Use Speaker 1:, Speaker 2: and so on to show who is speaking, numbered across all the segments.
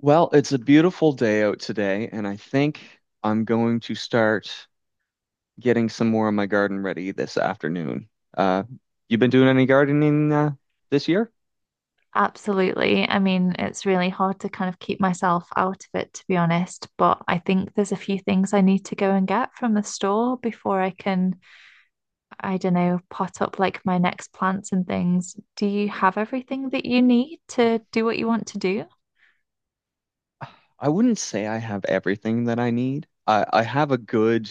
Speaker 1: Well, it's a beautiful day out today, and I think I'm going to start getting some more of my garden ready this afternoon. Uh, you been doing any gardening this year?
Speaker 2: Absolutely. I mean, it's really hard to kind of keep myself out of it, to be honest, but I think there's a few things I need to go and get from the store before I can, I don't know, pot up like my next plants and things. Do you have everything that you need to do what you want to do?
Speaker 1: I wouldn't say I have everything that I need. I have a good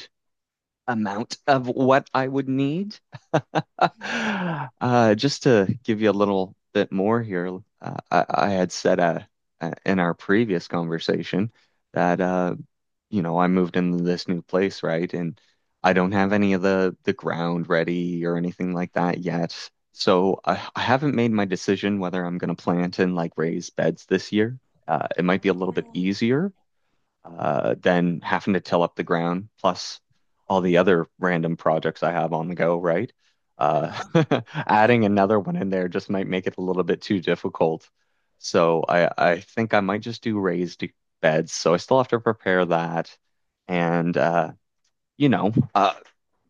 Speaker 1: amount of what I would need. Just to give you a little bit more here, I had said in our previous conversation that I moved into this new place, right? And I don't have any of the ground ready or anything like that yet. So I haven't made my decision whether I'm going to plant and like raise beds this year. It might be a little bit easier than having to till up the ground, plus all the other random projects I have on the go, right? Uh, adding another one in there just might make it a little bit too difficult. So I think I might just do raised beds. So I still have to prepare that and, you know, uh,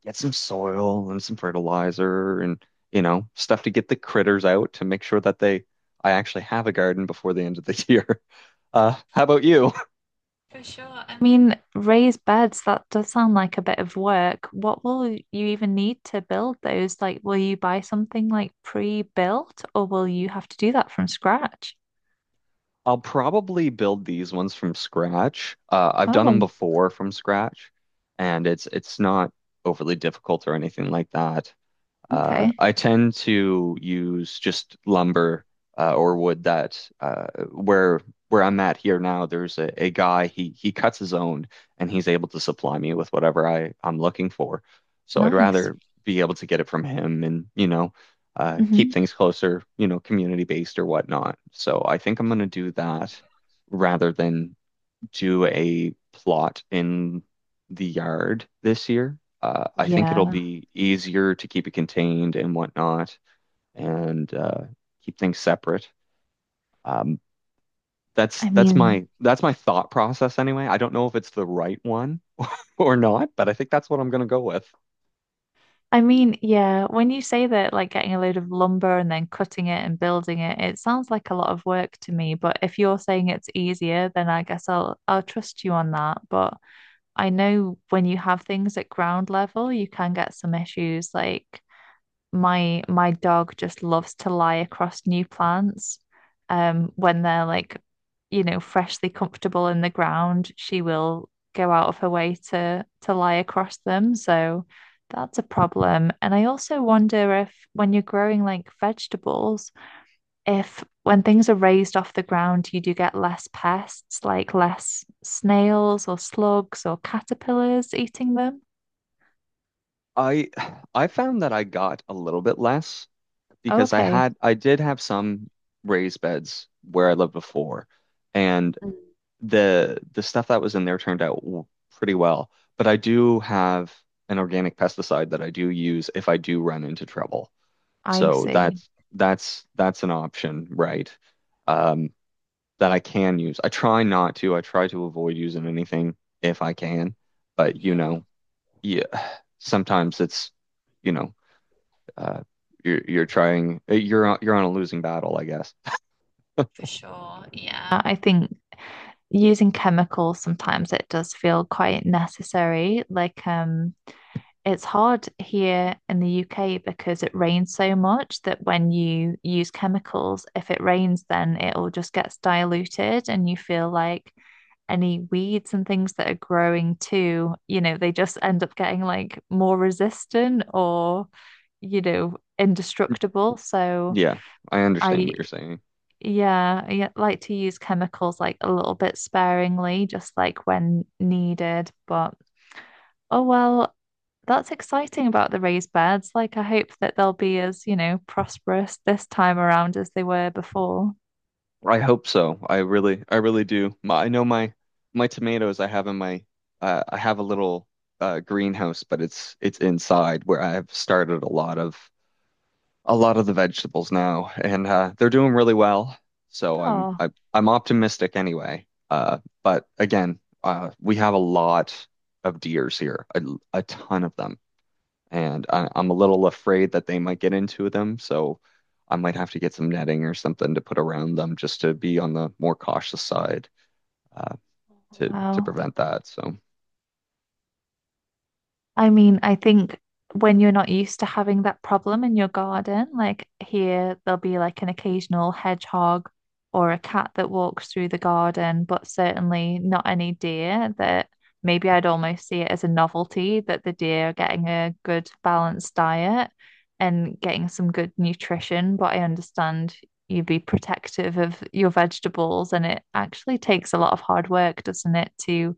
Speaker 1: get some soil and some fertilizer and, stuff to get the critters out to make sure that they, I actually have a garden before the end of the year. How about you?
Speaker 2: For sure. I mean, raised beds, that does sound like a bit of work. What will you even need to build those? Like, will you buy something like pre-built or will you have to do that from scratch?
Speaker 1: I'll probably build these ones from scratch. I've done them
Speaker 2: Oh,
Speaker 1: before from scratch, and it's not overly difficult or anything like that.
Speaker 2: okay.
Speaker 1: I tend to use just lumber or wood that where I'm at here now, there's a guy he cuts his own and he's able to supply me with whatever I'm looking for. So I'd
Speaker 2: Nice.
Speaker 1: rather be able to get it from him and keep
Speaker 2: Hmm.
Speaker 1: things closer, you know, community based or whatnot. So I think I'm gonna do that rather than do a plot in the yard this year. I think it'll
Speaker 2: Yeah.
Speaker 1: be easier to keep it contained and whatnot, and keep things separate. Um, that's
Speaker 2: I
Speaker 1: that's
Speaker 2: mean,
Speaker 1: my that's my thought process anyway. I don't know if it's the right one or not, but I think that's what I'm gonna go with.
Speaker 2: I mean, yeah, when you say that, like getting a load of lumber and then cutting it and building it, it sounds like a lot of work to me. But if you're saying it's easier, then I guess I'll trust you on that. But I know when you have things at ground level, you can get some issues. Like my dog just loves to lie across new plants. When they're like, you know, freshly comfortable in the ground, she will go out of her way to lie across them. So that's a problem. And I also wonder if when you're growing like vegetables, if when things are raised off the ground, you do get less pests, like less snails or slugs or caterpillars eating them.
Speaker 1: I I found that I got a little bit less because I
Speaker 2: Okay,
Speaker 1: had I did have some raised beds where I lived before, and the stuff that was in there turned out pretty well. But I do have an organic pesticide that I do use if I do run into trouble.
Speaker 2: I
Speaker 1: So
Speaker 2: see. Yeah.
Speaker 1: that's an option, right? Um, that I can use. I try not to. I try to avoid using anything if I can. But you know, yeah, sometimes it's you know, uh, you're on a losing battle, I guess.
Speaker 2: I think using chemicals sometimes it does feel quite necessary. Like it's hard here in the UK because it rains so much that when you use chemicals, if it rains, then it all just gets diluted and you feel like any weeds and things that are growing too, you know, they just end up getting like more resistant or, you know, indestructible. So
Speaker 1: Yeah, I understand
Speaker 2: I
Speaker 1: what you're saying.
Speaker 2: yeah, I like to use chemicals like a little bit sparingly, just like when needed. But oh well, that's exciting about the raised beds. Like I hope that they'll be as, you know, prosperous this time around as they were before.
Speaker 1: I hope so. I really do. My, I know my tomatoes I have in my I have a little greenhouse, but it's inside where I have started a lot of the vegetables now, and they're doing really well. So I'm
Speaker 2: Oh,
Speaker 1: I, I'm optimistic anyway. But again, we have a lot of deers here, a ton of them and I'm a little afraid that they might get into them, so I might have to get some netting or something to put around them just to be on the more cautious side uh, to
Speaker 2: wow.
Speaker 1: prevent that. So
Speaker 2: I mean, I think when you're not used to having that problem in your garden, like here, there'll be like an occasional hedgehog or a cat that walks through the garden, but certainly not any deer that maybe I'd almost see it as a novelty that the deer are getting a good balanced diet and getting some good nutrition. But I understand you'd be protective of your vegetables, and it actually takes a lot of hard work, doesn't it, to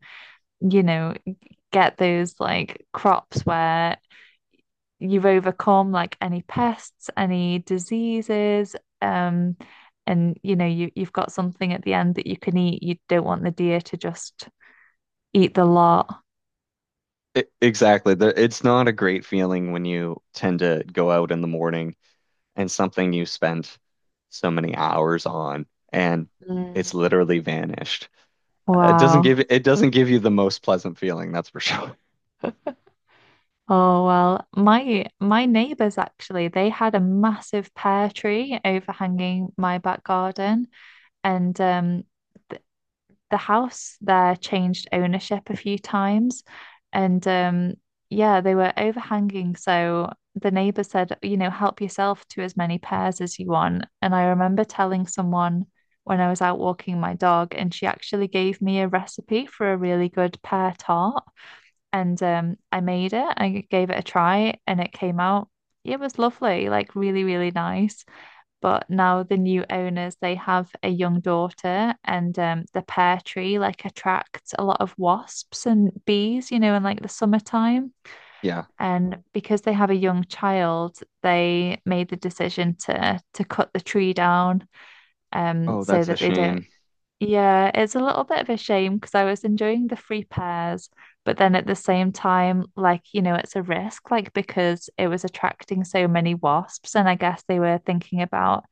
Speaker 2: you know, get those like crops where you've overcome like any pests, any diseases, um, and you know you you've got something at the end that you can eat. You don't want the deer to just eat the lot.
Speaker 1: I exactly, there, it's not a great feeling when you tend to go out in the morning and something you spent so many hours on and it's
Speaker 2: Mm.
Speaker 1: literally vanished. It
Speaker 2: Wow.
Speaker 1: doesn't give you the most pleasant feeling, that's for sure.
Speaker 2: Oh well, my neighbors actually, they had a massive pear tree overhanging my back garden and the house there changed ownership a few times. And yeah, they were overhanging. So the neighbor said, you know, help yourself to as many pears as you want. And I remember telling someone when I was out walking my dog, and she actually gave me a recipe for a really good pear tart. And I made it, I gave it a try, and it came out. It was lovely, like really, really nice. But now the new owners, they have a young daughter, and the pear tree like attracts a lot of wasps and bees, you know, in like the summertime.
Speaker 1: Yeah.
Speaker 2: And because they have a young child, they made the decision to cut the tree down,
Speaker 1: Oh,
Speaker 2: so
Speaker 1: that's a
Speaker 2: that they don't
Speaker 1: shame.
Speaker 2: yeah, it's a little bit of a shame because I was enjoying the free pairs, but then at the same time, like, you know, it's a risk, like, because it was attracting so many wasps. And I guess they were thinking about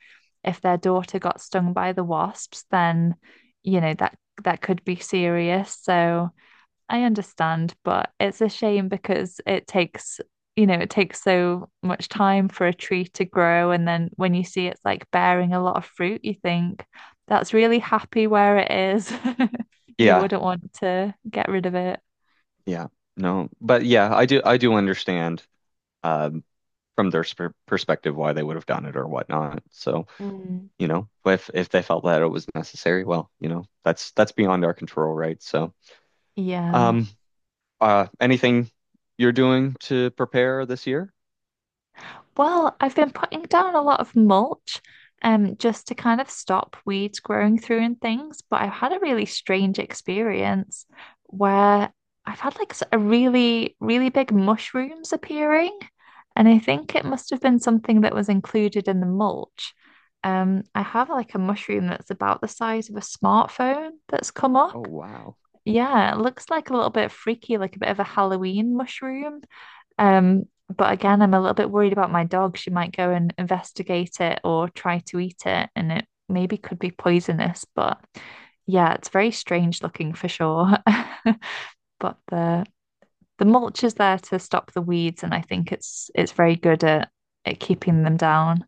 Speaker 2: if their daughter got stung by the wasps, then, you know, that could be serious. So. I understand, but it's a shame because it takes, you know, it takes so much time for a tree to grow. And then when you see it's like bearing a lot of fruit, you think that's really happy where it is. You
Speaker 1: Yeah.
Speaker 2: wouldn't want to get rid of it.
Speaker 1: Yeah, no, but yeah, I do understand um, from their sp perspective why they would have done it or whatnot. So,
Speaker 2: Mm,
Speaker 1: you know, if they felt that it was necessary, well, you know, that's beyond our control, right? So,
Speaker 2: yeah.
Speaker 1: um, anything you're doing to prepare this year?
Speaker 2: Well, I've been putting down a lot of mulch, just to kind of stop weeds growing through and things. But I've had a really strange experience where I've had a really, really big mushrooms appearing, and I think it must have been something that was included in the mulch. I have like a mushroom that's about the size of a smartphone that's come up.
Speaker 1: Oh, wow.
Speaker 2: Yeah, it looks like a little bit freaky, like a bit of a Halloween mushroom. Um, but again, I'm a little bit worried about my dog. She might go and investigate it or try to eat it, and it maybe could be poisonous. But yeah, it's very strange looking for sure. But the mulch is there to stop the weeds, and I think it's very good at keeping them down.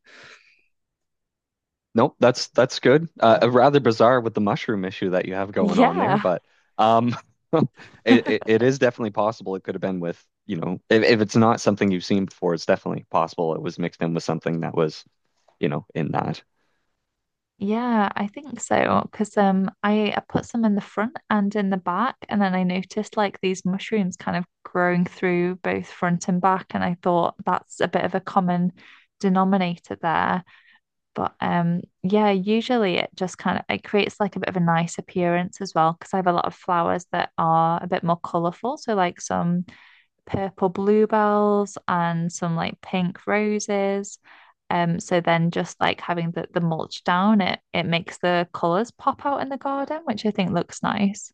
Speaker 1: Nope, that's good. Rather bizarre with the mushroom issue that you have going on there,
Speaker 2: Yeah.
Speaker 1: but um, it, it it is definitely possible. It could have been with, you know, if it's not something you've seen before, it's definitely possible it was mixed in with something that was, you know, in that.
Speaker 2: Yeah, I think so. Because I put some in the front and in the back, and then I noticed like these mushrooms kind of growing through both front and back, and I thought that's a bit of a common denominator there. But yeah, usually it just kind of it creates like a bit of a nice appearance as well, because I have a lot of flowers that are a bit more colourful. So like some purple bluebells and some like pink roses. So then just like having the mulch down, it makes the colours pop out in the garden, which I think looks nice.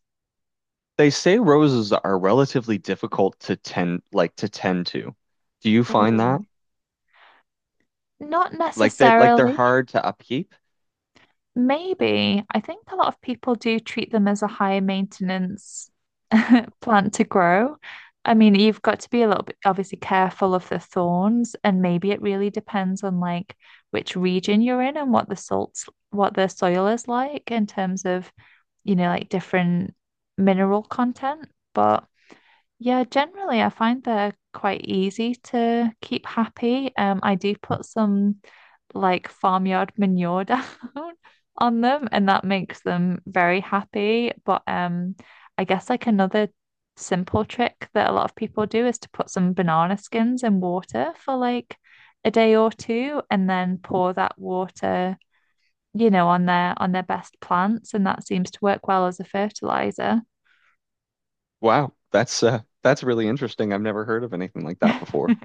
Speaker 1: They say roses are relatively difficult to tend to. Do you find that?
Speaker 2: Mm. Not
Speaker 1: Like that like they're
Speaker 2: necessarily.
Speaker 1: hard to upkeep?
Speaker 2: Maybe. I think a lot of people do treat them as a high maintenance plant to grow. I mean, you've got to be a little bit obviously careful of the thorns, and maybe it really depends on like which region you're in and what the salts, what the soil is like in terms of you know, like different mineral content. But yeah, generally, I find they're quite easy to keep happy. I do put some like farmyard manure down on them, and that makes them very happy. But I guess like another simple trick that a lot of people do is to put some banana skins in water for like a day or two, and then pour that water you know, on their best plants, and that seems to work well as a fertilizer.
Speaker 1: Wow, that's really interesting. I've never heard of anything like that before.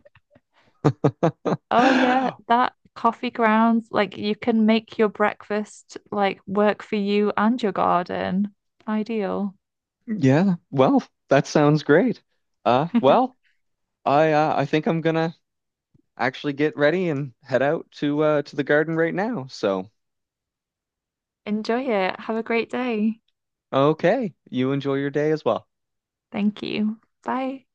Speaker 2: Oh yeah, that coffee grounds, like you can make your breakfast like work for you and your garden. Ideal.
Speaker 1: Yeah, well, that sounds great. Well, I think I'm gonna actually get ready and head out to the garden right now. So,
Speaker 2: Enjoy it. Have a great day.
Speaker 1: okay, you enjoy your day as well.
Speaker 2: Thank you. Bye.